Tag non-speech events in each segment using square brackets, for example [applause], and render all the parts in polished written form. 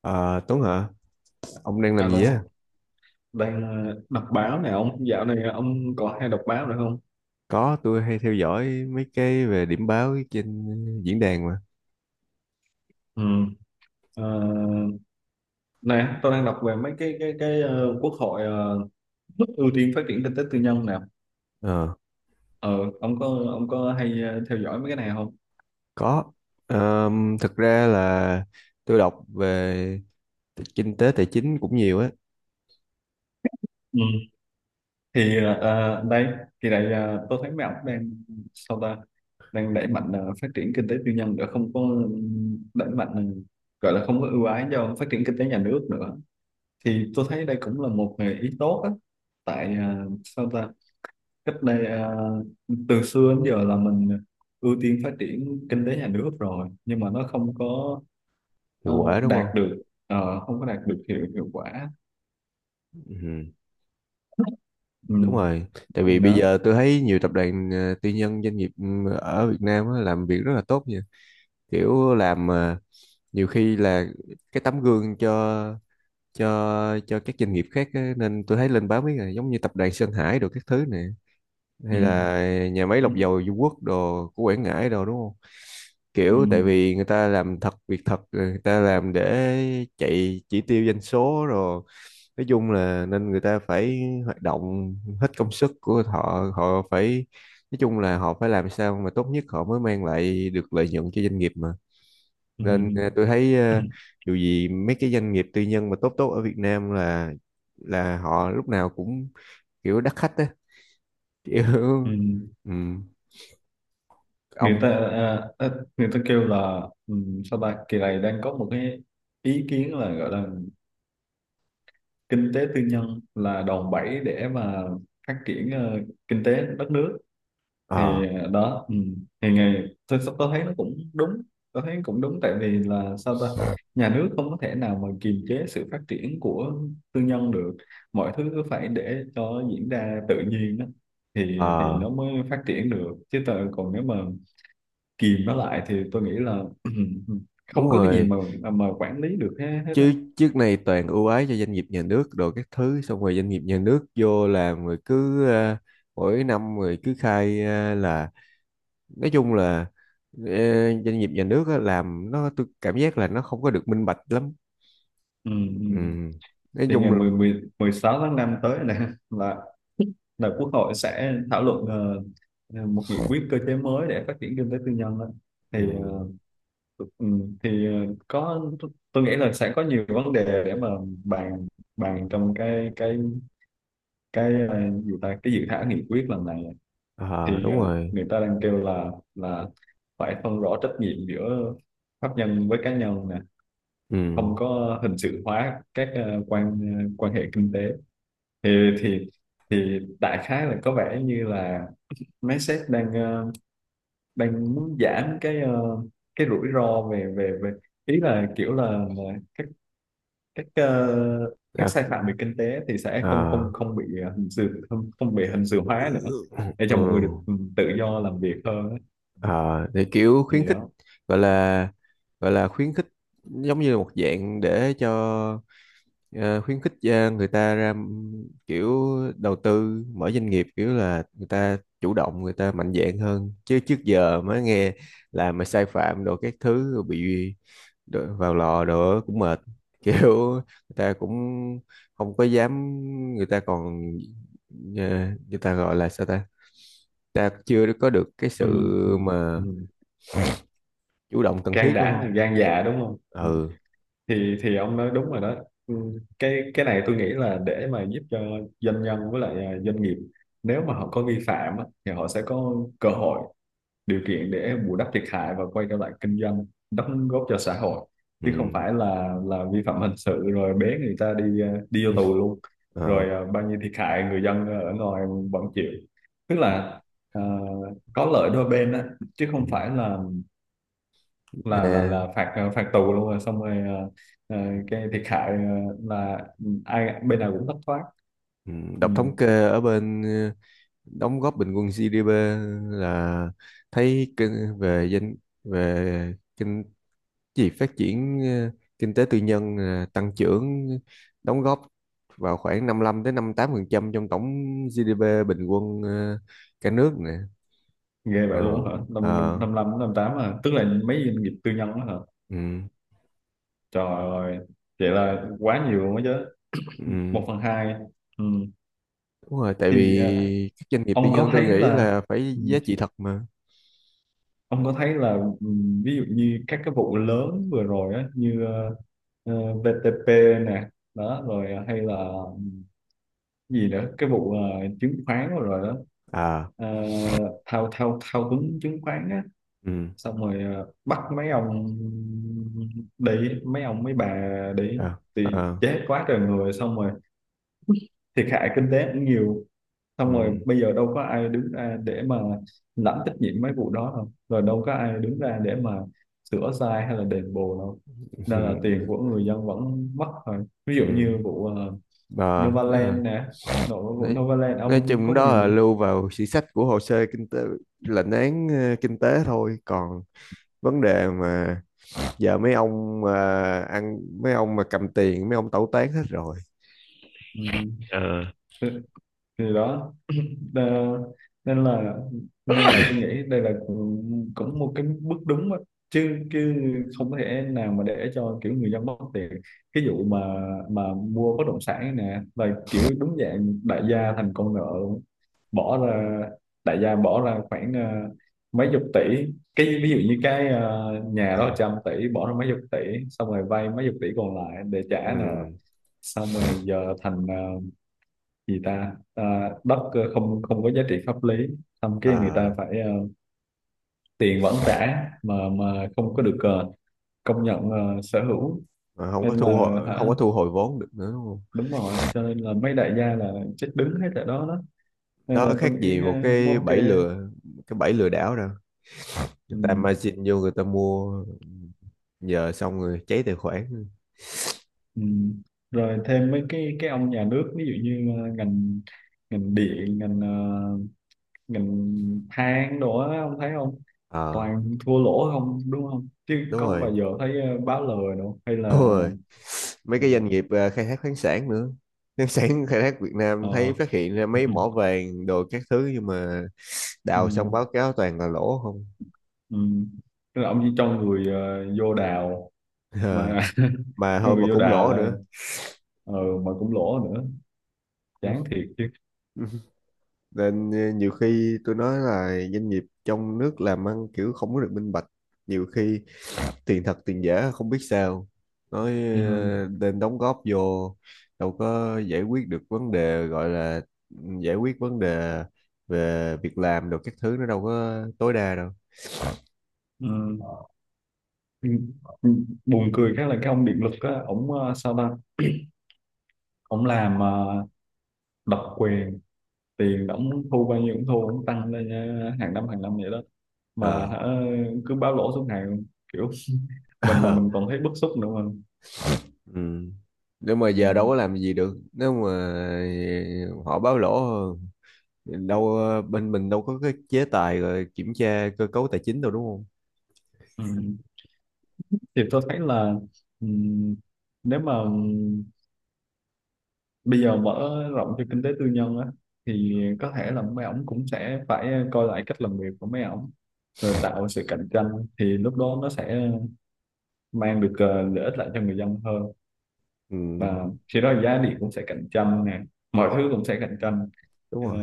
Ờ, Tuấn hả? Ông đang làm gì á? Alo, đang đọc báo nè ông. Dạo này ông có hay đọc báo nữa không? Có, tôi hay theo dõi mấy cái về điểm báo trên diễn đàn mà. Ừ. Ờ, nè, tôi đang đọc về mấy cái quốc hội ưu tiên phát triển kinh tế tư nhân nè. Ờ, Ờ, ông có hay theo dõi mấy cái này không? có. Thực ra là tôi đọc về kinh tế tài chính cũng nhiều á. Ừ. Thì đây, thì này tôi thấy mấy ông đang sao ta đang đẩy mạnh phát triển kinh tế tư nhân để không có đẩy mạnh gọi là không có ưu ái cho phát triển kinh tế nhà nước nữa, thì tôi thấy đây cũng là một nghề ý tốt á. Tại à, sao ta cách đây à, từ xưa đến giờ là mình ưu tiên phát triển kinh tế nhà nước rồi nhưng mà nó không có ờ, Hiệu quả đúng không? đạt được không có đạt được hiệu hiệu quả. Ừ, Ừ, đúng rồi. Tại vì này bây đó. giờ tôi thấy nhiều tập đoàn tư nhân doanh nghiệp ở Việt Nam á, làm việc rất là tốt nha. Kiểu làm nhiều khi là cái tấm gương cho các doanh nghiệp khác á, nên tôi thấy lên báo mấy ngày giống như tập đoàn Sơn Hải đồ các thứ này, Ừ, hay là nhà máy ừ, lọc dầu Dung Quất đồ của Quảng Ngãi đồ, đúng không? ừ, Kiểu tại vì người ta làm thật việc thật, người ta làm để chạy chỉ tiêu doanh số rồi, nói chung là nên người ta phải hoạt động hết công sức của họ họ phải, nói chung là họ phải làm sao mà tốt nhất họ mới mang lại được lợi nhuận cho doanh nghiệp mà. ừ, Nên tôi thấy ừ, dù gì mấy cái doanh nghiệp tư nhân mà tốt tốt ở Việt Nam là họ lúc nào cũng kiểu đắt khách á, kiểu [laughs] ừ. ừm, Người ông ta người ta kêu là ừ, sao ta kỳ này đang có một cái ý kiến là gọi là kinh tế tư nhân là đòn bẩy để mà phát triển kinh tế đất nước, ờ thì đó ừ. Thì ngày tôi thấy nó cũng đúng, tôi thấy cũng đúng tại vì là sao ta nhà nước không có thể nào mà kiềm chế sự phát triển của tư nhân được, mọi thứ cứ phải để cho diễn ra tự nhiên đó. Thì ờ nó mới phát triển được chứ tôi, còn nếu mà kìm nó lại thì tôi nghĩ là [clears throat] không đúng có cái gì rồi, mà quản lý được hết hết á. chứ trước này toàn ưu ái cho doanh nghiệp nhà nước đồ các thứ, xong rồi doanh nghiệp nhà nước vô làm rồi cứ mỗi năm rồi cứ khai là, nói chung là ờ, doanh nghiệp nhà nước á, làm nó tôi cảm giác là nó không có được minh bạch lắm. Ừ, ừ. Ừm, nói Thì ngày chung là. 16 tháng 5 tới này là là Quốc hội sẽ thảo luận một nghị quyết cơ chế mới để phát triển kinh tế tư nhân á. Thì Ừ. Ừ, thì có, tôi nghĩ là sẽ có nhiều vấn đề để mà bàn bàn trong cái gì ta, cái dự thảo nghị quyết lần này. Ờ, Thì đúng rồi. người ta đang kêu là phải phân rõ trách nhiệm giữa pháp nhân với cá nhân nè, không Ừ. có hình sự hóa các quan hệ kinh tế. Thì thì thì đại khái là có vẻ như là mấy sếp đang đang muốn giảm cái rủi ro về về về ý là kiểu là là các các À, sai phạm về kinh tế thì sẽ không không à, không bị ờ, hình sự không không bị hình sự hóa nữa, để cho mọi người ừ. được ừ, tự do làm việc hơn á. Ờ, thì kiểu khuyến Thì khích, đó. gọi là, gọi là khuyến khích, giống như là một dạng để cho, ờ, khuyến khích người ta kiểu đầu tư mở doanh nghiệp, kiểu là người ta chủ động, người ta mạnh dạn hơn, chứ trước giờ mới nghe là mà sai phạm đồ các thứ rồi bị vào lò đồ cũng mệt [laughs] kiểu người ta cũng không có dám, người ta còn ờ, người ta gọi là sao ta, ta chưa có được cái Ừ, sự ừ, mà ừ. chủ động cần thiết, Gan đúng đã là không? gan dạ, đúng không. Ừ. Ừ. Thì ông nói đúng rồi đó. Ừ, cái này tôi nghĩ là để mà giúp cho doanh nhân với lại à, doanh nghiệp nếu mà họ có vi phạm á, thì họ sẽ có cơ hội, điều kiện để bù đắp thiệt hại và quay trở lại kinh doanh, đóng góp cho xã hội, Ừ. chứ không phải là vi phạm hình sự rồi bế người ta đi à, đi vô tù luôn. [laughs] Ờ. Rồi à, bao nhiêu thiệt hại người dân ở ngoài vẫn chịu, tức là à, có lợi đôi bên á, chứ Ừ. không phải là là là Nè, là phạt phạt tù luôn rồi xong rồi ờ, ừ, cái thiệt hại là ừ, ai bên nào cũng thất thoát. ừ. Ừ. Đọc thống kê ở bên đóng góp bình quân GDP là thấy kinh, về danh, về kinh, gì phát triển kinh tế tư nhân tăng trưởng đóng góp vào khoảng 55 đến 58% trong tổng GDP bình quân cả nước nè. Ghê vậy Ờ. luôn hả, năm năm Ờ. năm năm năm tám hả, tức là mấy doanh nghiệp tư nhân đó hả. Ừ, Trời ơi, vậy là quá nhiều luôn đó chứ, ừ. một phần hai. Ừ. Đúng rồi, tại Thì vì các doanh nghiệp tư ông nhân có tôi thấy nghĩ là là phải ừ, giá trị thật mà. ông có thấy là ừ, ví dụ như các cái vụ lớn vừa rồi á như VTP nè đó, rồi hay là gì nữa cái vụ chứng khoán rồi rồi đó. À. Ờ, thao thao thao túng chứng khoán á, Ừ. xong rồi bắt mấy ông để mấy ông mấy bà để, À. thì À. chết quá trời người, xong rồi thiệt hại kinh tế cũng nhiều, xong rồi Ừ. bây giờ đâu có ai đứng ra để mà lãnh trách nhiệm mấy vụ đó đâu, rồi đâu có ai đứng ra để mà sửa sai hay là đền bù đâu. Ừ. Nên là tiền của người dân vẫn mất, rồi ví dụ Ừ. như vụ Bà biết rồi. Novaland nè, nội vụ Nói, Novaland nói ông chung có đó nhiều. là lưu vào sử sách của hồ sơ kinh tế, lệnh án kinh tế thôi, còn vấn đề mà giờ mấy ông à, ăn, mấy ông mà cầm tiền mấy ông tẩu tán hết rồi. Ừ, ờ thì thì đó. Ờ, nên là nên là tôi nghĩ đây là cũng cũng một cái bước đúng á. Chứ chứ không có thể nào mà để cho kiểu người dân mất tiền. Cái vụ mà mua bất động sản nè là kiểu đúng dạng đại gia thành con nợ luôn. Bỏ ra, đại gia bỏ ra khoảng mấy chục tỷ, cái ví dụ như nhà Ờ, đó 100 tỷ, bỏ ra mấy chục tỷ xong rồi vay mấy chục tỷ còn lại để trả nợ, ừ, xong rồi giờ thành gì ta, ờ, đất không không có giá trị pháp lý, xong cái người ờ, ta phải tiền vẫn trả mà không có được công nhận sở hữu. mà Nên là không hả, có thu hồi vốn được nữa, đúng không? đúng rồi, cho nên là mấy đại gia là chết đứng hết tại đó đó. Nên Đó là khác tôi gì nghĩ một cũng cái ok. bẫy lừa, cái bẫy lừa đảo đâu. Ừ, Người ta margin vô người ta mua, giờ xong rồi cháy tài khoản. ừ. Rồi thêm mấy cái ông nhà nước, ví dụ như ờ, ngành ngành điện, ngành ờ, ngành than đồ á, ông thấy không, Ờ, toàn thua lỗ không, đúng không, chứ đúng có rồi, bao giờ thấy báo lời đâu, hay đúng là rồi, mấy cái doanh nghiệp khai thác khoáng sản nữa. Khoáng sản khai thác Việt Nam thấy ờ. phát hiện ra mấy mỏ [laughs] vàng đồ các thứ, nhưng mà ừ, đào xong báo cáo toàn là lỗ không. ừ. Tức là ông chỉ cho người vô đào [laughs] Ờ, mà, mà [laughs] thôi, mà người vô cũng đào lỗ là nữa. ờ, mà cũng lỗ nữa, chán [laughs] thiệt chứ. Ừ. Nên nhiều khi tôi nói là doanh nghiệp trong nước làm ăn kiểu không có được minh bạch, nhiều khi tiền thật tiền giả không biết sao, nói Ừ, nên đóng góp vô đâu có giải quyết được vấn đề, gọi là giải quyết vấn đề về việc làm được các thứ, nó đâu có tối đa đâu. ừ. Ừ. Ừ. Buồn cười khác là cái ông điện lực á, ổng sao ta ổng làm độc quyền, tiền ổng thu bao nhiêu cũng thu, ổng tăng lên hàng năm vậy đó mà ờ hả, cứ báo lỗ suốt ngày kiểu, [laughs] mình mà mình [laughs] còn thấy bức xúc nữa mà. ừ. Nếu mà giờ đâu Ừ. có làm gì được, nếu mà họ báo lỗ đâu, bên mình đâu có cái chế tài rồi kiểm tra cơ cấu tài chính đâu, đúng không? Ừ. Thì tôi thấy là ừ, nếu mà bây giờ mở rộng cho kinh tế tư nhân á, thì có thể là mấy ổng cũng sẽ phải coi lại cách làm việc của mấy ổng, rồi tạo sự cạnh tranh, thì lúc đó nó sẽ mang được lợi ích lại cho người dân hơn. Ừ, Và khi đó giá điện cũng sẽ cạnh tranh nè, mọi thứ cũng sẽ cạnh tranh. đúng Ờ, rồi.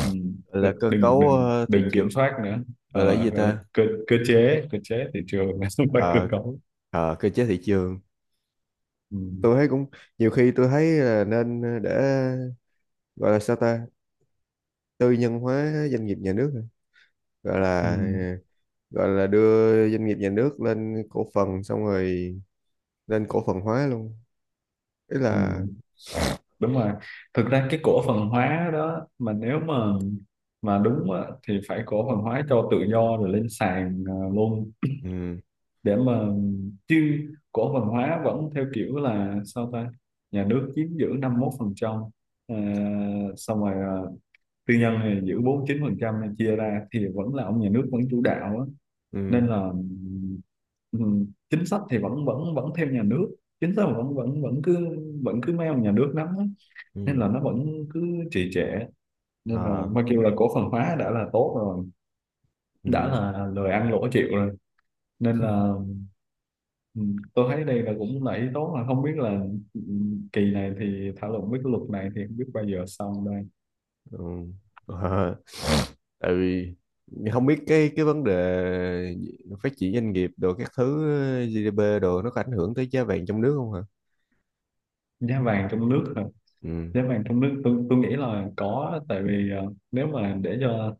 ừ, Gọi là cơ đừng cấu đừng thị đừng kiểm trường, soát nữa. gọi là cái Ờ, gì gọi là ta. cơ cơ chế thị trường, [laughs] là không phải cơ ờ cấu. ờ, cơ chế thị trường, Ừ, tôi thấy cũng, nhiều khi tôi thấy là nên để gọi là sao ta, tư nhân hóa doanh nghiệp nhà nước hả? Gọi ừ, là, gọi là đưa doanh nghiệp nhà nước lên cổ phần, xong rồi lên cổ phần hóa luôn, ý ừ, là. đúng rồi, thực ra cái cổ phần hóa đó mà nếu mà đúng á, thì phải cổ phần hóa cho tự do rồi lên sàn luôn. Ừ. Để mà, chứ cổ phần hóa vẫn theo kiểu là sao ta nhà nước chiếm giữ 51%, xong rồi tư nhân thì giữ 49% này, chia ra thì vẫn là ông nhà nước vẫn chủ đạo á. Ừ. Nên là ừ, chính sách thì vẫn vẫn vẫn theo nhà nước, chính sách vẫn vẫn vẫn cứ mấy ông nhà nước nắm á. Nên Ừ. là nó vẫn cứ trì trệ. Nên là Ờ. mà kêu là cổ phần hóa đã là tốt rồi, đã Ừ. là lời ăn lỗ chịu rồi. Nên là ừ, tôi thấy đây là cũng là ý tốt, mà không biết là ừ, kỳ này thì thảo luận với cái luật này thì không biết bao giờ xong đây. Ừ. [laughs] Ờ. Tại vì không biết cái vấn đề phát triển doanh nghiệp đồ các thứ, GDP đồ nó có ảnh hưởng tới giá vàng trong nước không hả? Giá vàng trong nước. Ừ. Giá vàng trong nước, tôi nghĩ là có, tại vì nếu mà để cho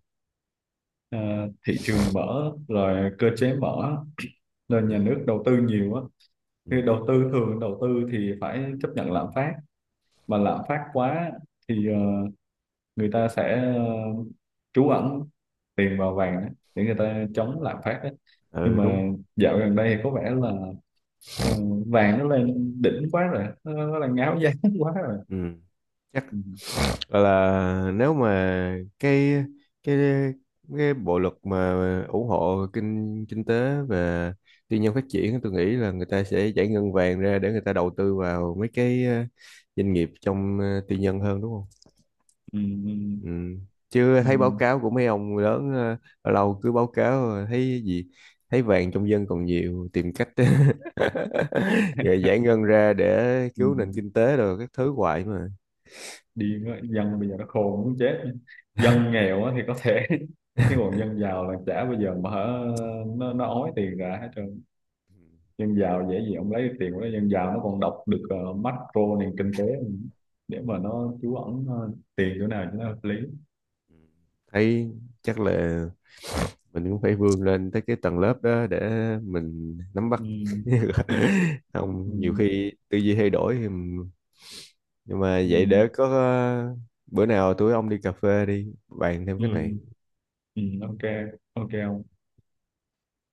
ờ, thị trường mở rồi cơ chế mở, nên Ừ. nhà nước đầu tư nhiều á, Ừ. thì đầu tư thường đầu tư thì phải chấp nhận lạm phát, mà lạm phát quá thì người ta sẽ trú ẩn tiền vào vàng á, để người ta chống lạm phát á. Nhưng Ừ, mà đúng. dạo gần đây thì có vẻ là ờ, vàng nó lên đỉnh quá rồi, nó đang ngáo giá [laughs] quá rồi. Ừ. Chắc Ừ, gọi là nếu mà cái cái bộ luật mà ủng hộ kinh kinh tế và tư nhân phát triển, tôi nghĩ là người ta sẽ giải ngân vàng ra để người ta đầu tư vào mấy cái doanh nghiệp trong tư nhân hơn, đúng không? ừ, ừ, Ừ. Chứ ừ. thấy báo cáo của mấy ông lớn lâu lâu cứ báo cáo thấy gì, thấy vàng trong dân còn nhiều, tìm cách [laughs] rồi giải ngân ra để Ừ. cứu nền kinh tế rồi các thứ hoài mà. Điên á, dân bây giờ nó khôn muốn chết, dân nghèo á thì có thể, [laughs] cái còn dân giàu là chả bao giờ mà hả, nó ói tiền ra hết trơn. Ừ. Dân giàu dễ gì ông lấy được tiền của nó, dân giàu nó còn đọc được macro nền kinh tế, để mà nó trú ẩn tiền chỗ nào cho nó hợp lý. Thấy chắc là mình cũng phải vươn lên tới cái tầng lớp đó để mình nắm bắt Ừ, [laughs] không, nhiều ừ, khi tư duy thay đổi thì nhưng mà ừ, vậy để có bữa nào tụi ông đi cà phê đi bàn thêm ừ, cái này. ừ, ok. Ok ông.